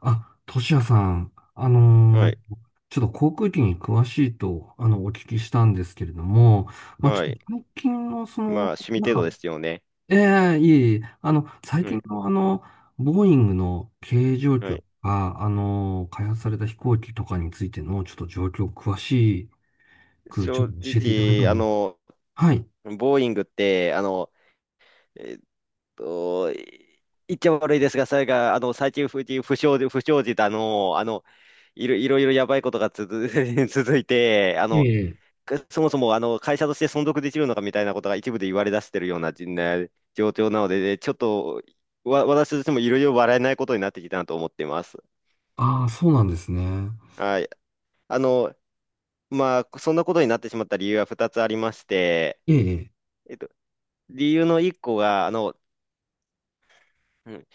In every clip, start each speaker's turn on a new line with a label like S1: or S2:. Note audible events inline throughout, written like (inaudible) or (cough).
S1: あ、トシヤさん、
S2: はい。
S1: ちょっと航空機に詳しいと、お聞きしたんですけれども、まあ、ち
S2: は
S1: ょっ
S2: い。
S1: と最近の、
S2: まあ、趣味程度ですよね。
S1: ええ、いえいえ、最
S2: はい。
S1: 近の、ボーイングの経営状
S2: は
S1: 況と
S2: い。
S1: か、開発された飛行機とかについての、ちょっと状況詳しく、ちょっ
S2: 正
S1: と教えていただいて
S2: 直、
S1: もいい？はい。
S2: ボーイングって、えっと、い言っちゃ悪いですが、それが、最近不祥事だの、いろいろやばいことが(laughs) 続いて、
S1: ええ、
S2: そもそも、会社として存続できるのかみたいなことが一部で言われ出してるような、状況なので、ちょっと、私としてもいろいろ笑えないことになってきたなと思っています。
S1: ああー、そうなんですね。
S2: はい。あの、まあ、そんなことになってしまった理由は2つありまして、
S1: ええ、
S2: えっと、理由の1個が、うん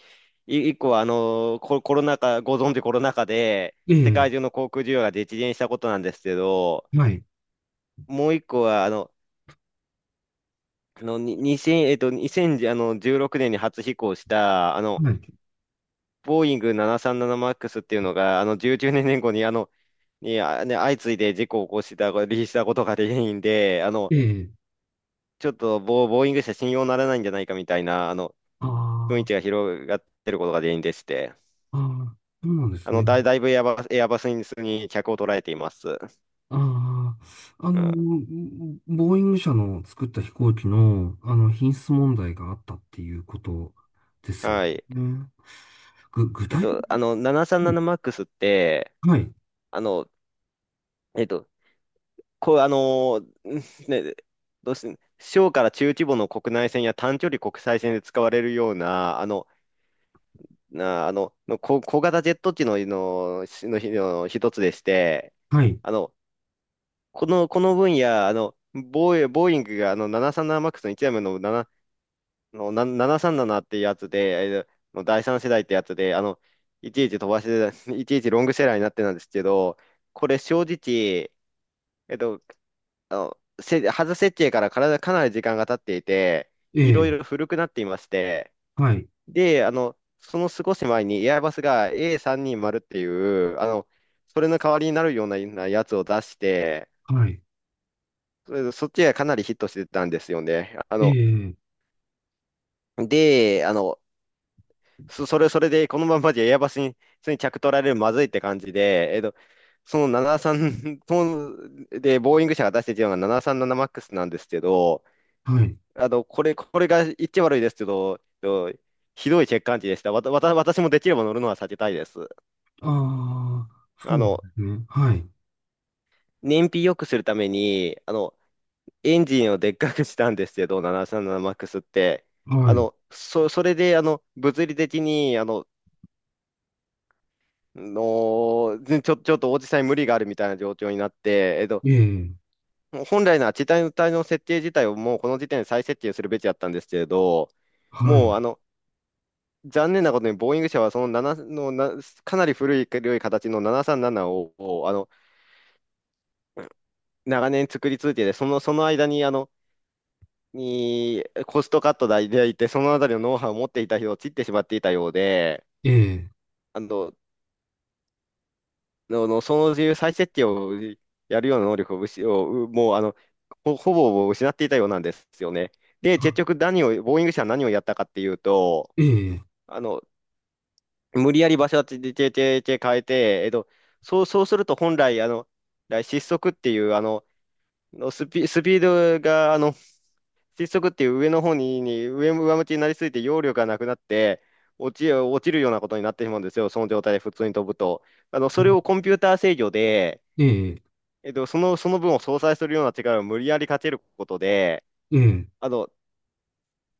S2: 1個は、コロナ禍、ご存知コロナ禍で、世
S1: え
S2: 界中
S1: え、
S2: の航空需要が激減したことなんですけど、
S1: はい。
S2: もう1個は、あの、あの、に2 0えっと、2016年に初飛行した、
S1: はい。
S2: ボーイング 737MAX っていうのが、19年後に、相次いで事故を起こした、離陸したことが原因で、
S1: ええ、
S2: ちょっとボーイング社信用ならないんじゃないかみたいな、
S1: あ
S2: 雰囲気が広がってることが原因でして、
S1: あ、ああ、そうなんですね。
S2: だいぶエアバスに客を捉えています。
S1: ああ、
S2: うん。
S1: ボーイング社の作った飛行機の、品質問題があったっていうことですよ
S2: はい。
S1: ね。具体的に、
S2: 737MAX って、
S1: はい、
S2: あの、えっと、こう、あの (laughs) ね、どうして、小から中規模の国内線や短距離国際線で使われるような、あの、なあの、の小、小型ジェット機の一つでして、
S1: はい、
S2: あの、この、この分野、ボーイングが737MAX の1台目のななの、な、737っていうやつで、えーの第3世代ってやつで、いちいち飛ばして、(laughs) いちいちロングセラーになってたんですけど、これ正直、えっと、外設計からかなり時間が経っていて、
S1: え
S2: いろい
S1: え、
S2: ろ古くなっていまして、
S1: はい、
S2: で、その少し前にエアバスが A320 っていう、それの代わりになるようなやつを出して、
S1: はい、
S2: それでそっちがかなりヒットしてたんですよね。あ
S1: え
S2: の、
S1: え、
S2: で、あの、そ、それ、それで、このままじゃエアバスに、普通に着取られるまずいって感じで、えっと、その73と (laughs) で、ボーイング社が出しているのが 737MAX なさんななマックスなんですけど、
S1: はい、
S2: これが言っちゃ悪いですけど、ひどい欠陥値でした。わた、わた、私もできれば乗るのは避けたいです。
S1: ああ、そ
S2: あ
S1: うで
S2: の、
S1: すね、はい、
S2: 燃費良くするために、エンジンをでっかくしたんですけど、737MAX って。
S1: はい、
S2: それで、物理的に、あの、の、ぜちょ、ちょっとおじさんに無理があるみたいな状況になって、
S1: ええ、
S2: もう本来なら地帯の体の設定自体をもうこの時点で再設定するべきだったんですけれど、
S1: は
S2: も
S1: い、
S2: うあの、残念なことに、ボーイング社はその7のな、かなり古い形の737を、長年作り続けて、その間に、コストカットでいて、そのあたりのノウハウを持っていた人を切ってしまっていたようで、
S1: ええ、
S2: あの、の、のその自由再設定をやるような能力を失を、うもうあのほぼ失っていたようなんですよね。で、
S1: あ、
S2: 結局ボーイング社は何をやったかっていうと、
S1: ええ、
S2: あの、無理やり場所をててててて変えて、えっと、そうすると本来、あの、失速っていう、あの、のスピ、スピードが、あの、失速っていう上の方に、上向きになりすぎて揚力がなくなって、落ちるようなことになってしまうんですよ、その状態で普通に飛ぶと。それをコンピューター制御で、
S1: ええ、
S2: その分を相殺するような力を無理やりかけることで、
S1: ええ、
S2: あの、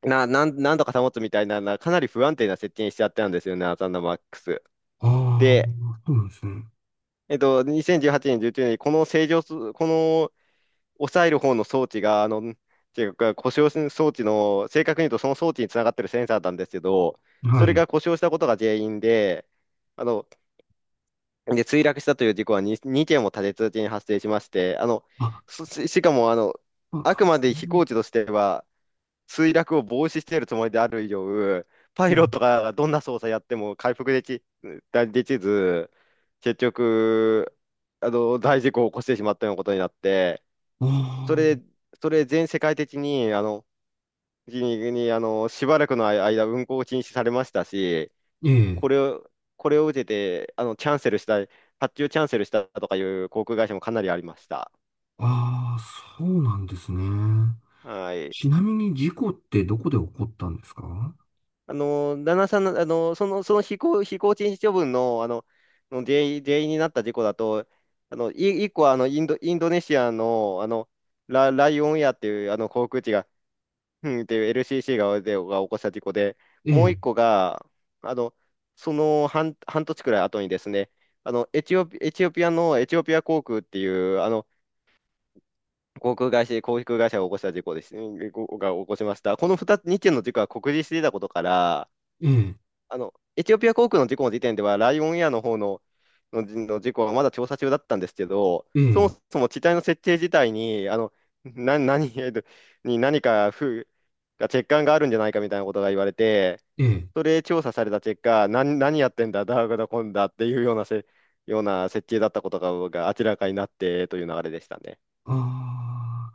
S2: なんとか保つみたいな、かなり不安定な設定にしちゃったんですよね、アサンダマックス。
S1: あ
S2: で、
S1: あ、そうなんですね、
S2: 2018年、19年にこの抑える方の装置が、あの、っていうか、故障す装置の、正確に言うとその装置につながってるセンサーなんですけど、そ
S1: は
S2: れ
S1: い、
S2: が故障したことが原因で、あの、墜落したという事故は 2件も立て続けに発生しまして、
S1: あ、
S2: しかも、
S1: あ、
S2: あくま
S1: う
S2: で飛
S1: ん、
S2: 行機としては、墜落を防止しているつもりである以上、パ
S1: ええ、
S2: イロットがどんな操作やっても回復でき、できず、結局、大事故を起こしてしまったようなことになって、
S1: あ
S2: それ、
S1: あ、
S2: それ全世界的に、しばらくの間、運航を禁止されましたし、
S1: ええ、
S2: これを、これを受けて、あの、キャンセルした、発注キャンセルしたとかいう航空会社もかなりありました。
S1: ああ、そうなんですね。
S2: はい。
S1: ちなみに事故ってどこで起こったんですか？
S2: あの、旦那さんの、あの、その、その飛行禁止処分の、原因になった事故だと、一個はインドネシアの、ライオンエアっていう、航空機が、うんっていう LCC が、起こした事故で、
S1: え
S2: もう一
S1: え、
S2: 個が、あの、半年くらい後にですね、エチオピアのエチオピア航空っていう、航空会社が起こした事故です。うんごが起こしました。この2つ、2件の事故は酷似していたことから、
S1: ええ、
S2: エチオピア航空の事故の時点では、ライオンエアの方の、事故はまだ調査中だったんですけど、
S1: え
S2: そ
S1: え、
S2: もそも機体の設定自体に、あの、な、何、えっとに何か不、欠陥があるんじゃないかみたいなことが言われて、
S1: ええ。
S2: それ調査された結果、何やってんだ、ダーグだ、こんだっていうようなような設計だったことが明らかになってという流れでしたね。
S1: あ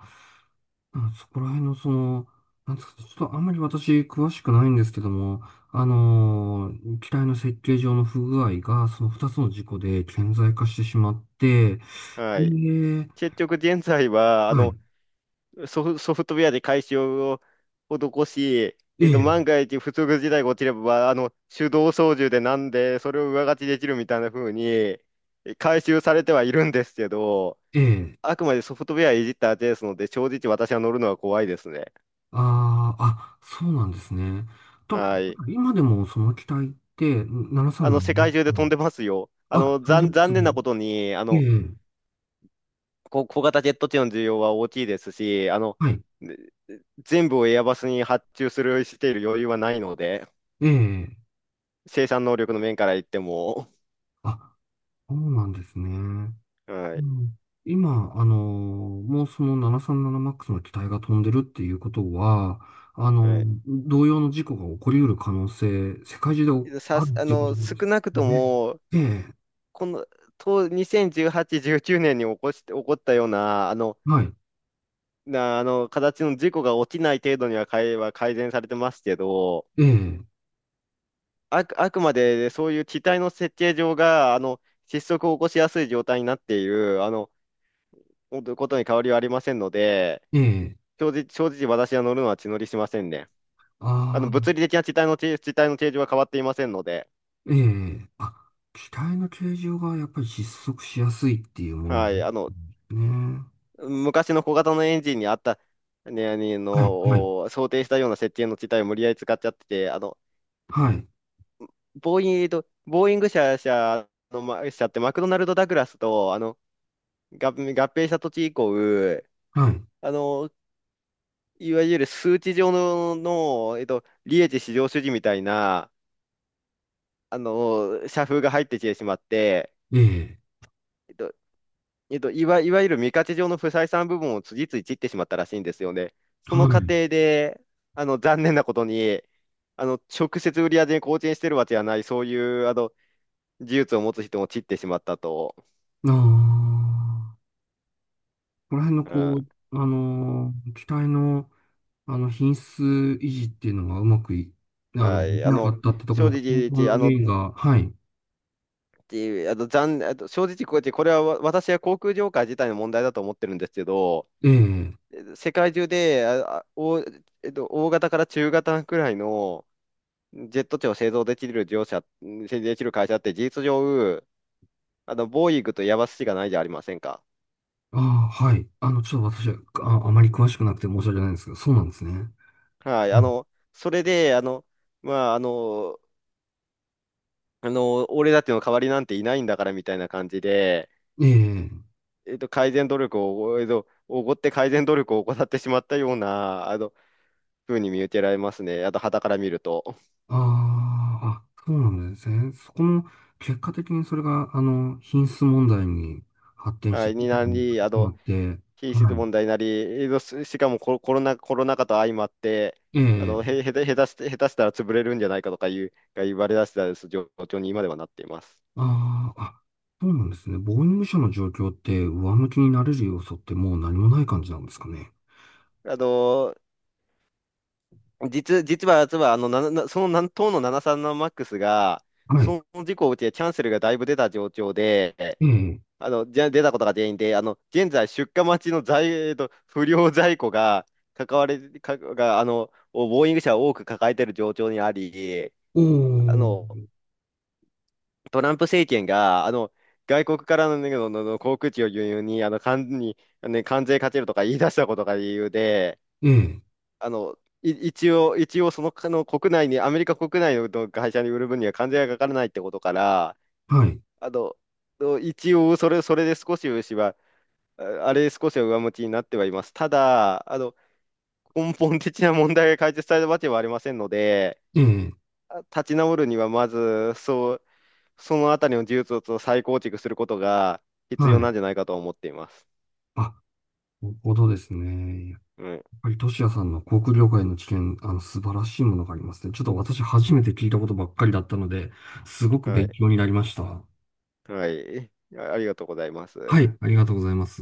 S1: あ、うん、そこら辺のなんですかね、ちょっとあんまり私詳しくないんですけども、機体の設計上の不具合がその2つの事故で顕在化してしまって、
S2: はい。
S1: で、
S2: 結局現在は、
S1: はい、
S2: ソフトウェアで改修を施し、
S1: え
S2: 万
S1: え、
S2: が一不測事態が起きれば、手動操縦でなんで、それを上書きできるみたいな風に、改修されてはいるんですけど、
S1: ええ、
S2: あくまでソフトウェアいじった後ですので、正直私は乗るのは怖いですね。
S1: ああ、あ、そうなんですね。と、
S2: はい。
S1: 今でもその機体って
S2: 世
S1: 737っ
S2: 界
S1: て、
S2: 中で飛んでますよ。
S1: あ、飛んでます
S2: 残念な
S1: ね。
S2: ことに、
S1: ええ、
S2: 小型ジェット機の需要は大きいですし、
S1: はい、
S2: 全部をエアバスに発注する、している余裕はないので、
S1: ええ、
S2: 生産能力の面から言っても、
S1: あ、そうなんですね。
S2: (laughs) は
S1: う
S2: い、
S1: ん、今、もうその7 3 7ックスの機体が飛んでるっていうことは、あの、
S2: は
S1: 同様の事故が起こり得る可能性、世界中で
S2: い。さ
S1: ある
S2: す、
S1: っ
S2: あ
S1: ていうこと
S2: の、少
S1: です
S2: なくと
S1: ね。
S2: も、
S1: ええ、
S2: この、と、2018、19年に起こったような、
S1: はい、
S2: 形の事故が起きない程度には改善されてますけど、
S1: ええ、
S2: あくまで、そういう機体の設計上が、失速を起こしやすい状態になっている、ことに変わりはありませんので、
S1: ええ、
S2: 正直私は乗るのは血乗りしませんね。
S1: あ。
S2: 物理的な地体の形状は変わっていませんので、
S1: ええ、あ、機体の形状がやっぱり失速しやすいっていうものね。
S2: はい、昔の小型のエンジンにあった、ね、
S1: はい、はい、
S2: お想定したような設定の地帯を無理やり使っちゃってて、
S1: はい、
S2: ボーイング社の、ま社ってマクドナルド・ダグラスと、合併した土地以降、
S1: はい、
S2: あの、いわゆる数値上の、利益至上主義みたいな、社風が入ってきてしまって、
S1: ええ、
S2: えっといわゆる未価値上の不採算部分を次々切ってしまったらしいんですよね。そ
S1: は
S2: の過
S1: い。
S2: 程で、残念なことに、直接売り上げに貢献してるわけじゃない、そういう、技術を持つ人も散ってしまったと。
S1: ああ、この辺の
S2: うん、
S1: 機体の、品質維持っていうのがうまく
S2: は
S1: で
S2: い。
S1: きなかったってとこ
S2: 正
S1: ろの根本
S2: 直、あの、
S1: 原
S2: っ
S1: 因が、はい、
S2: てあの、残、あと正直こうやって、これは私は航空業界自体の問題だと思ってるんですけど、
S1: ええ、
S2: 世界中で、あ、あお、えっと、大型から中型くらいの、ジェット機を製造できる会社って事実上、ボーイングとヤマスしかないじゃありませんか。
S1: ああ、はい。ちょっと私は、あ、あまり詳しくなくて申し訳ないんですけど、そうなんですね。
S2: はい。
S1: うん、
S2: それで、まあ、俺たちの代わりなんていないんだからみたいな感じで、
S1: ええ、
S2: 改善努力を、えっと、おごって改善努力を怠ってしまったような、ふうに見受けられますね。あと、傍から見ると。
S1: あーあ、そうなんですね。そこも、結果的にそれが、品質問題に発展
S2: は
S1: し
S2: い。
S1: てい
S2: に
S1: くこと
S2: な
S1: に
S2: り、あ
S1: な
S2: の、
S1: って、
S2: 品
S1: は
S2: 質問題になり、しかもコロナ禍と相まって、
S1: い。え
S2: あ
S1: え、
S2: の、へ、へた、下手して、下手したら潰れるんじゃないかとかいう、が言われ出した状況に今ではなっています。
S1: あーあ、そうなんですね。ボーイング社の状況って、上向きになれる要素ってもう何もない感じなんですかね。
S2: あの、実は、あの、な、なその南東の737マックスが、
S1: はい。
S2: その事故を受けてキャンセルがだいぶ出た状況で、
S1: ええ、
S2: 出たことが原因で、現在出荷待ちの在、えーと、不良在庫が、関われ、か、が、あの、ボーイング社を多く抱えている状況にあり、
S1: お
S2: あの、
S1: ー、
S2: トランプ政権が、外国からの、ね、の、のの航空機を輸入に、関に、ね、関税かけるとか言い出したことが理由で、
S1: ええ、
S2: あの、い一応、一応その、あの国内に、アメリカ国内の会社に売る分には関税がかからないってことから、
S1: はい。
S2: あの、一応、それ、それで少し牛は、ああれ少しは上向きになってはいます。ただ、根本的な問題が解決されたわけはありませんので、
S1: ええ、
S2: 立ち直るにはまず、そのあたりの技術を再構築することが必要
S1: は
S2: な
S1: い。
S2: んじゃないかと思っています。
S1: あ、なるほどですね。
S2: うん。
S1: はい、トシヤさんの航空業界の知見、素晴らしいものがありますね。ちょっと私初めて聞いたことばっかりだったので、すごく
S2: は
S1: 勉
S2: い。
S1: 強になりました。
S2: はい。ありがとうございま
S1: は
S2: す。
S1: い、ありがとうございます。